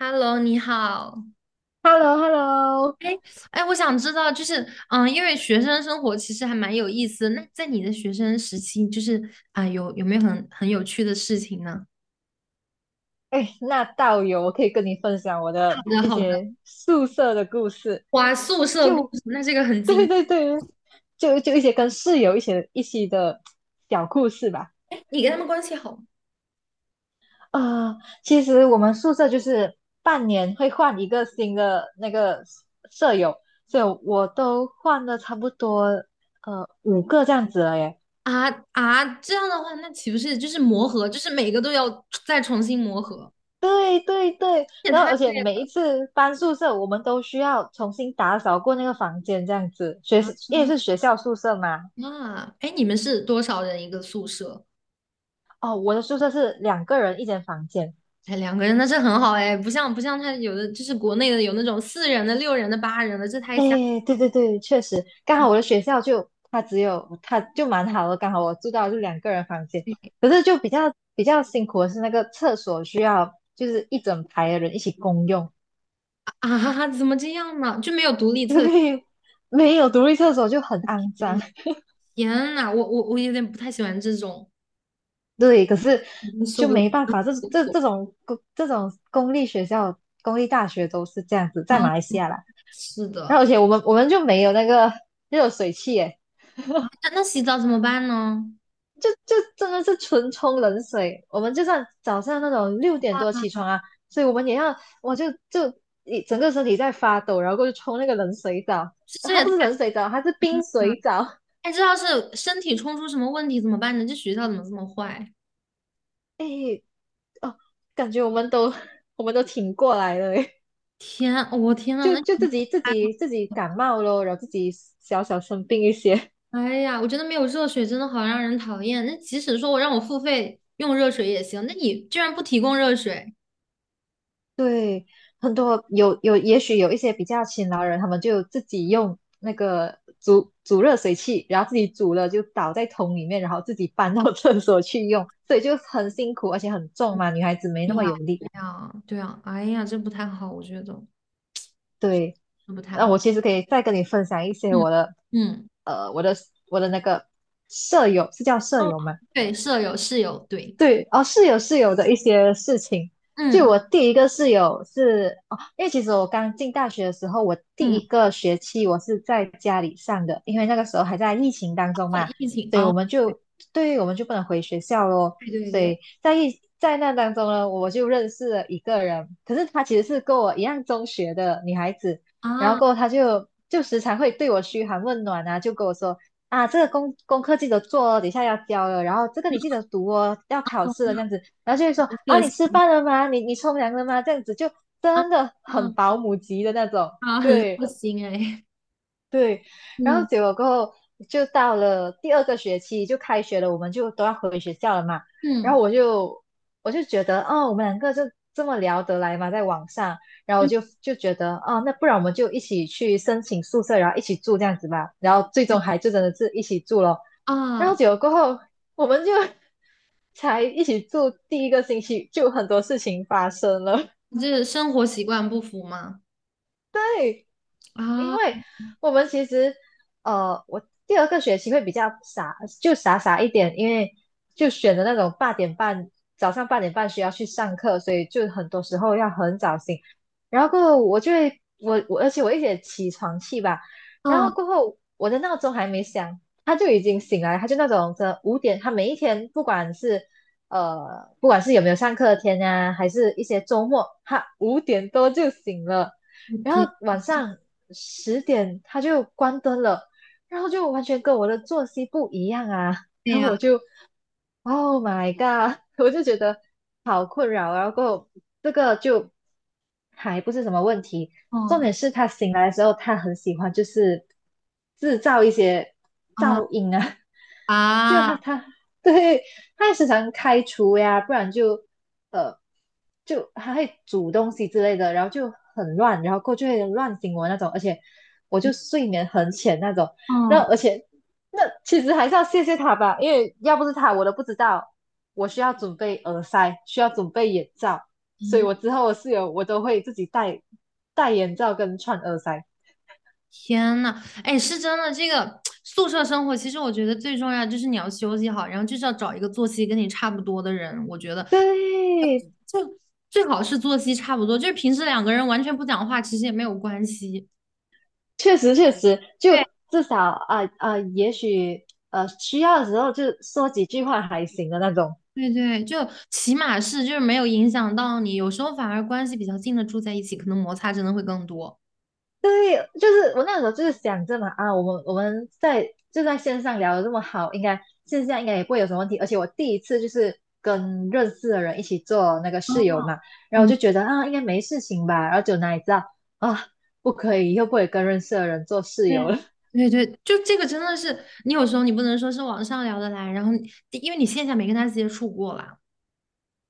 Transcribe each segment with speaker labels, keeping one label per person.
Speaker 1: Hello，你好。
Speaker 2: Hello Hello
Speaker 1: 哎，我想知道，就是，因为学生生活其实还蛮有意思的。那在你的学生时期，就是啊，有没有很有趣的事情呢？
Speaker 2: 哎，那道友，我可以跟你分享我
Speaker 1: 好
Speaker 2: 的
Speaker 1: 的，
Speaker 2: 一
Speaker 1: 好的。
Speaker 2: 些宿舍的故事。
Speaker 1: 哇，宿舍故
Speaker 2: 就，
Speaker 1: 事，那这个很
Speaker 2: 对
Speaker 1: 精。
Speaker 2: 对对，就一些跟室友一些的小故事吧。
Speaker 1: 你跟他们关系好吗？
Speaker 2: 啊，其实我们宿舍就是半年会换一个新的那个舍友，所以我都换了差不多5个这样子了耶。
Speaker 1: 这样的话，那岂不是就是磨合，就是每个都要再重新磨合，
Speaker 2: 对对对，
Speaker 1: 这也
Speaker 2: 然后
Speaker 1: 太
Speaker 2: 而且
Speaker 1: 累
Speaker 2: 每一次搬宿舍，我们都需要重新打扫过那个房间，这样子。因为是学校宿舍嘛。
Speaker 1: 了啊。哎，你们是多少人一个宿舍？
Speaker 2: 哦，我的宿舍是两个人一间房间。
Speaker 1: 哎，两个人那是很好哎，不像他有的就是国内的有那种四人的、六人的、八人的，这太吓人
Speaker 2: 哎，对对对，确实，刚好我的学校就它只有它就蛮好的，刚好我住到就两个人房间。
Speaker 1: 了
Speaker 2: 可是就比较辛苦的是那个厕所需要就是一整排的人一起共用。
Speaker 1: 啊，怎么这样呢？就没有独立
Speaker 2: 因
Speaker 1: 厕所？
Speaker 2: 为没有独立厕所就很肮脏。
Speaker 1: 嗯，天呐，我有点不太喜欢这种，
Speaker 2: 对，可是
Speaker 1: 我真受
Speaker 2: 就
Speaker 1: 不了
Speaker 2: 没办法，这
Speaker 1: 厕
Speaker 2: 这
Speaker 1: 所。
Speaker 2: 这种公这种公立学校、公立大学都是这样子，在
Speaker 1: 嗯，
Speaker 2: 马来西亚啦。
Speaker 1: 是
Speaker 2: 然
Speaker 1: 的，
Speaker 2: 后而且我们就没有那个热水器。诶，
Speaker 1: 那洗澡怎么办呢？
Speaker 2: 就真的是纯冲冷水。我们就算早上那种6点多起床啊，所以我们也要，我一整个身体在发抖，然后过去冲那个冷水澡。
Speaker 1: 这
Speaker 2: 它
Speaker 1: 也
Speaker 2: 不是
Speaker 1: 太。
Speaker 2: 冷水澡，它是冰水澡。
Speaker 1: 哎，这要是身体冲出什么问题怎么办呢？这学校怎么这么坏？
Speaker 2: 诶，哦，感觉我们都 我们都挺过来了，诶。
Speaker 1: 天，天呐，
Speaker 2: 就
Speaker 1: 那
Speaker 2: 就
Speaker 1: 你
Speaker 2: 自己自
Speaker 1: 哎
Speaker 2: 己自己感冒咯，然后自己小小生病一些。
Speaker 1: 哎呀，我觉得没有热水真的好让人讨厌。那即使说我让我付费用热水也行，那你居然不提供热水？
Speaker 2: 对，很多有，也许有一些比较勤劳人，他们就自己用那个煮煮热水器，然后自己煮了就倒在桶里面，然后自己搬到 厕所去用，所以就很辛苦，而且很重嘛，女孩子没那
Speaker 1: 对
Speaker 2: 么
Speaker 1: 呀，
Speaker 2: 有力。
Speaker 1: 对呀，对呀，哎呀，这不太好，我觉得
Speaker 2: 对，
Speaker 1: 这不太
Speaker 2: 那
Speaker 1: 好。
Speaker 2: 我其实可以再跟你分享一些
Speaker 1: 嗯嗯。
Speaker 2: 呃，我的我的那个舍友是叫舍
Speaker 1: 哦，
Speaker 2: 友吗？
Speaker 1: 对，舍友、室友，对，
Speaker 2: 对，哦，室友的一些事情。就
Speaker 1: 嗯
Speaker 2: 我第一个室友是哦，因为其实我刚进大学的时候，我第
Speaker 1: 嗯，
Speaker 2: 一个学期我是在家里上的，因为那个时候还在疫情当中
Speaker 1: 或者
Speaker 2: 嘛，
Speaker 1: 疫情
Speaker 2: 所以我
Speaker 1: 哦，
Speaker 2: 们就对，于我们就不能回学校咯。
Speaker 1: 对对
Speaker 2: 所
Speaker 1: 对，
Speaker 2: 以在疫在那当中呢，我就认识了一个人，可是她其实是跟我一样中学的女孩子，然
Speaker 1: 啊，
Speaker 2: 后
Speaker 1: 哦，
Speaker 2: 过后她就时常会对我嘘寒问暖啊。就跟我说，啊，这个功课记得做哦，等一下要交了，然后这个你记得读哦，要考试了这样子。然后就会说
Speaker 1: 很
Speaker 2: 啊，
Speaker 1: 热
Speaker 2: 你
Speaker 1: 心，
Speaker 2: 吃饭了吗？你冲凉了吗？这样子就
Speaker 1: 啊
Speaker 2: 真的
Speaker 1: 啊
Speaker 2: 很保姆级的那种。
Speaker 1: 啊，很热
Speaker 2: 对
Speaker 1: 心哎，
Speaker 2: 对，然后
Speaker 1: 嗯
Speaker 2: 结果过后就到了第二个学期就开学了，我们就都要回学校了嘛。然
Speaker 1: 嗯
Speaker 2: 后我就觉得哦，我们两个就这么聊得来嘛，在网上。然后我
Speaker 1: 嗯，
Speaker 2: 就觉得哦，那不然我们就一起去申请宿舍，然后一起住这样子吧。然后最
Speaker 1: 对
Speaker 2: 终还就真的是一起住了。然后
Speaker 1: 啊，
Speaker 2: 结果过后，我们就 才一起住第一个星期，就很多事情发生了。
Speaker 1: 你这生活习惯不符吗？
Speaker 2: 对，因
Speaker 1: 啊
Speaker 2: 为我们其实，我第二个学期会比较傻，就傻傻一点。因为就选的那种八点半，早上八点半需要去上课，所以就很多时候要很早醒。然后过后我就会，我而且我一点起床气吧。然
Speaker 1: 啊，
Speaker 2: 后过后我的闹钟还没响，他就已经醒来。他就那种这五点，他每一天不管是呃不管是有没有上课的天啊，还是一些周末，他5点多就醒了。
Speaker 1: 我
Speaker 2: 然
Speaker 1: 天，
Speaker 2: 后晚上10点他就关灯了，然后就完全跟我的作息不一样啊。
Speaker 1: 对
Speaker 2: 然后
Speaker 1: 呀，
Speaker 2: 我就 Oh my god！我就觉得好困扰啊。然后过后这个就还不是什么问题，重
Speaker 1: 哦，
Speaker 2: 点是他醒来的时候，他很喜欢就是制造一些
Speaker 1: 啊
Speaker 2: 噪音啊。就他
Speaker 1: 啊，
Speaker 2: 他对，他还时常开除呀，不然就呃他会煮东西之类的。然后就很乱，然后过后就会乱醒我那种，而且我就睡眠很浅那种。那
Speaker 1: 哦，
Speaker 2: 而且那其实还是要谢谢他吧，因为要不是他，我都不知道我需要准备耳塞，需要准备眼罩。所以我之后我室友我都会自己戴眼罩跟串耳塞。
Speaker 1: 天呐，哎，是真的，这个 宿舍生活，其实我觉得最重要就是你要休息好，然后就是要找一个作息跟你差不多的人，我觉得。
Speaker 2: 对，
Speaker 1: 就最好是作息差不多，就是平时两个人完全不讲话，其实也没有关系。
Speaker 2: 确实确实，就
Speaker 1: 对
Speaker 2: 至少也许需要的时候就说几句话还行的那种。
Speaker 1: 对对，就起码是就是没有影响到你，有时候反而关系比较近的住在一起，可能摩擦真的会更多。
Speaker 2: 对，就是我那时候就是想着嘛，啊，我们在就在线上聊的这么好，应该线下应该也不会有什么问题。而且我第一次就是跟认识的人一起做那个
Speaker 1: 哦，
Speaker 2: 室友嘛。然后我就
Speaker 1: 嗯，
Speaker 2: 觉得啊，应该没事情吧。然后就哪里知道啊，不可以，以后不可以跟认识的人做室友了。
Speaker 1: 对对对，就这个真的是，你有时候你不能说是网上聊得来，然后你因为你线下没跟他接触过啦，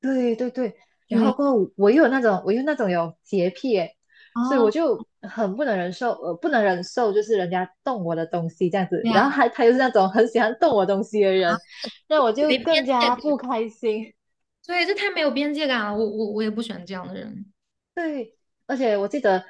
Speaker 2: 对对对，然后
Speaker 1: 对，
Speaker 2: 过后我又那种有洁癖耶。所以我
Speaker 1: 哦，
Speaker 2: 就很不能忍受就是人家动我的东西这样子。
Speaker 1: 对
Speaker 2: 然后
Speaker 1: 呀，
Speaker 2: 还他又是那种很喜欢动我东西的人，那我就
Speaker 1: 没
Speaker 2: 更
Speaker 1: 边界
Speaker 2: 加不
Speaker 1: 感，
Speaker 2: 开心。
Speaker 1: 对，这太没有边界感了，我也不喜欢这样的人。
Speaker 2: 对，而且我记得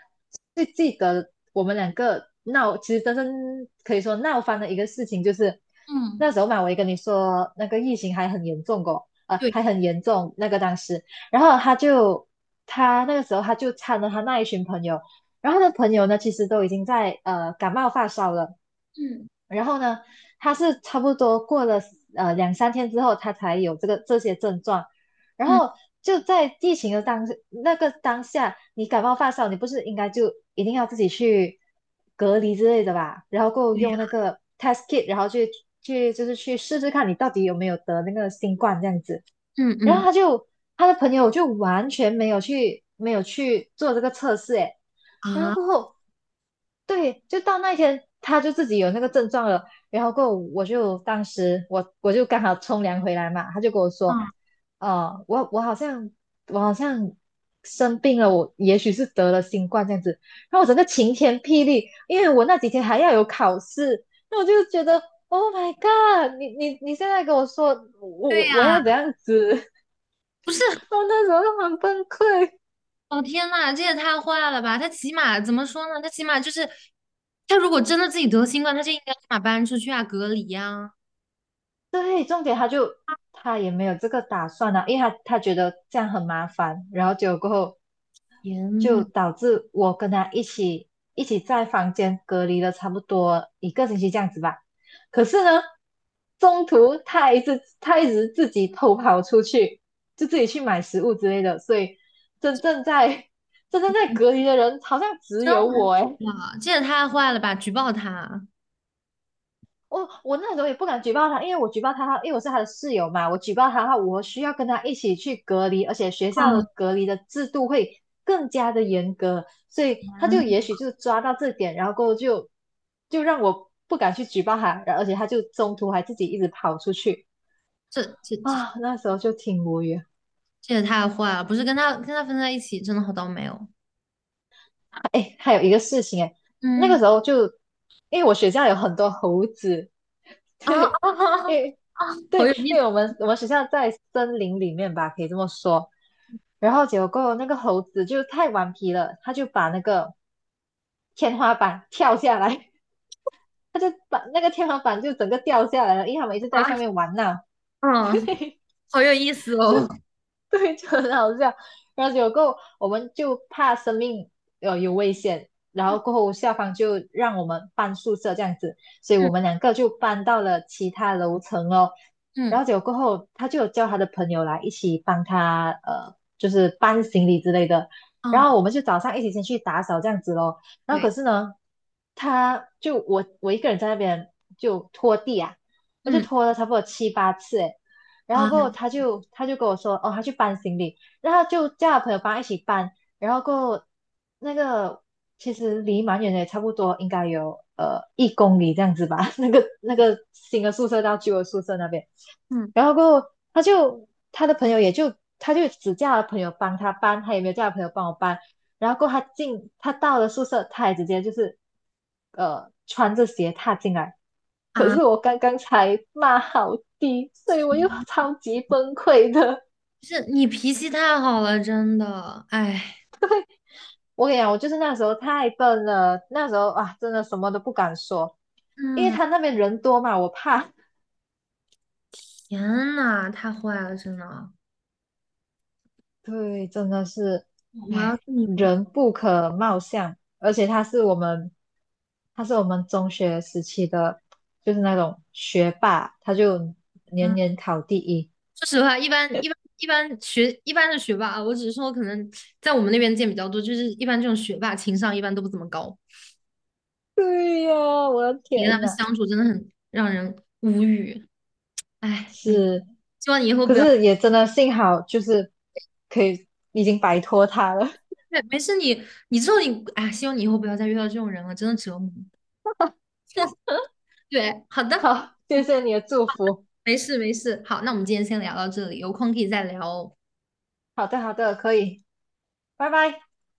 Speaker 2: 最记得我们两个闹，其实真正可以说闹翻的一个事情，就是
Speaker 1: 嗯，
Speaker 2: 那时候嘛。我也跟你说那个疫情还很严重过，
Speaker 1: 对，
Speaker 2: 还很严重那个当时。然后他那个时候参了他那一群朋友。然后他的朋友呢，其实都已经在感冒发烧了。
Speaker 1: 嗯
Speaker 2: 然后呢，他是差不多过了两三天之后，他才有这些症状。然
Speaker 1: 嗯，
Speaker 2: 后就在疫情的那个当下，你感冒发烧，你不是应该就一定要自己去隔离之类的吧？然后够
Speaker 1: 对呀，
Speaker 2: 用那个 test kit，然后去去就是去试试看你到底有没有得那个新冠这样子。
Speaker 1: 嗯
Speaker 2: 然后
Speaker 1: 嗯。
Speaker 2: 他的朋友就完全没有去做这个测试。诶，然后
Speaker 1: 啊。
Speaker 2: 过后对，就到那一天，他就自己有那个症状了。然后过后我就当时我我就刚好冲凉回来嘛，他就跟我说，呃，我我好像我好像生病了，我也许是得了新冠这样子。然后我整个晴天霹雳，因为我那几天还要有考试。那我就觉得，Oh my God，你现在跟我说我
Speaker 1: 对
Speaker 2: 我我
Speaker 1: 呀，
Speaker 2: 要怎样子。
Speaker 1: 不是，
Speaker 2: 我那时候就很崩溃。
Speaker 1: 哦天呐，这也太坏了吧！他起码怎么说呢？他起码就是，他如果真的自己得新冠，他就应该立马搬出去啊，隔离呀、
Speaker 2: 对，重点他也没有这个打算啊，因为他觉得这样很麻烦。然后结果过后
Speaker 1: 天
Speaker 2: 就
Speaker 1: 呐，
Speaker 2: 导致我跟他一起在房间隔离了差不多一个星期这样子吧。可是呢，中途他一直自己偷跑出去，就自己去买食物之类的。所以真正在 真正在隔离的人好像只
Speaker 1: 真
Speaker 2: 有
Speaker 1: 无
Speaker 2: 我诶。
Speaker 1: 语啊！这也太坏了吧！举报他！
Speaker 2: 我那时候也不敢举报他，因为我举报他，因为我是他的室友嘛，我举报他的话，我需要跟他一起去隔离，而且学
Speaker 1: 啊，
Speaker 2: 校的隔离的制度会更加的严格。所以他就也许就抓到这点，然后过后就让我不敢去举报他。然后而且他就中途还自己一直跑出去
Speaker 1: 这这这
Speaker 2: 啊，那时候就挺无语。
Speaker 1: 这也太坏了！不是跟他分在一起，真的好倒霉哦。
Speaker 2: 哎，还有一个事情哎。那个
Speaker 1: 嗯，
Speaker 2: 时候就因为我学校有很多猴子。
Speaker 1: 啊
Speaker 2: 对，
Speaker 1: 啊
Speaker 2: 因为
Speaker 1: 啊！啊好
Speaker 2: 对，
Speaker 1: 有意
Speaker 2: 因
Speaker 1: 思，
Speaker 2: 为我们学校在森林里面吧，可以这么说。然后结果那个猴子就太顽皮了，他就把那个天花板跳下来。他就把那个天花板就整个掉下来了，因为他们一直在
Speaker 1: 啊！
Speaker 2: 上面玩闹。
Speaker 1: 嗯，好有意思哦。
Speaker 2: 对，就很好笑。然后有后，我们就怕生命有危险。然
Speaker 1: 嗯
Speaker 2: 后过后校方就让我们搬宿舍这样子，所以
Speaker 1: 嗯
Speaker 2: 我们两个就搬到了其他楼层哦。然
Speaker 1: 嗯，
Speaker 2: 后结果过后，他就有叫他的朋友来一起帮他就是搬行李之类的。然
Speaker 1: 啊
Speaker 2: 后我们就早上一起先去打扫这样子咯。然后可
Speaker 1: 对，
Speaker 2: 是呢，他就我我一个人在那边就拖地啊，我就
Speaker 1: 嗯
Speaker 2: 拖了差不多七八次诶。然后过
Speaker 1: 啊
Speaker 2: 后他就跟我说，哦，他去搬行李，然后他就叫他朋友帮他一起搬。然后过后那个其实离蛮远的，也差不多应该有1公里这样子吧。那个新的宿舍到旧的宿舍那边。
Speaker 1: 嗯
Speaker 2: 然后过后他就他的朋友也就他就只叫他朋友帮他搬，他也没有叫他朋友帮我搬。然后过后他到了宿舍，他也直接就是穿着鞋踏进来。可
Speaker 1: 啊。
Speaker 2: 是我刚刚才骂好低，所以我又超级崩溃的。
Speaker 1: 是你脾气太好了，真的，哎，
Speaker 2: 我跟你讲，我就是那时候太笨了，那时候啊，真的什么都不敢说，因为
Speaker 1: 嗯，
Speaker 2: 他那边人多嘛，我怕。
Speaker 1: 天呐，太坏了，真的，
Speaker 2: 对，真的是，
Speaker 1: 我要
Speaker 2: 唉，
Speaker 1: 是你，我的
Speaker 2: 人不可貌相。而且他是我们中学时期的，就是那种学霸，他就年
Speaker 1: 妈！
Speaker 2: 年 考第一。
Speaker 1: 说实话，一般的学霸啊，我只是说可能在我们那边见比较多，就是一般这种学霸情商一般都不怎么高，
Speaker 2: 对呀，我的
Speaker 1: 你跟他
Speaker 2: 天
Speaker 1: 们
Speaker 2: 呐，
Speaker 1: 相处真的很让人无语，哎，没，
Speaker 2: 是
Speaker 1: 希望你以后
Speaker 2: 可
Speaker 1: 不要，
Speaker 2: 是也真的幸好就是可以已经摆脱它了。
Speaker 1: 对，没事你，你之后你，哎，希望你以后不要再遇到这种人了，真的折磨。对，好 的，
Speaker 2: 好，谢
Speaker 1: 嗯，
Speaker 2: 谢你的祝福。
Speaker 1: 没事没事，好，那我们今天先聊到这里，有空可以再聊哦。
Speaker 2: 好的，好的，可以，拜拜。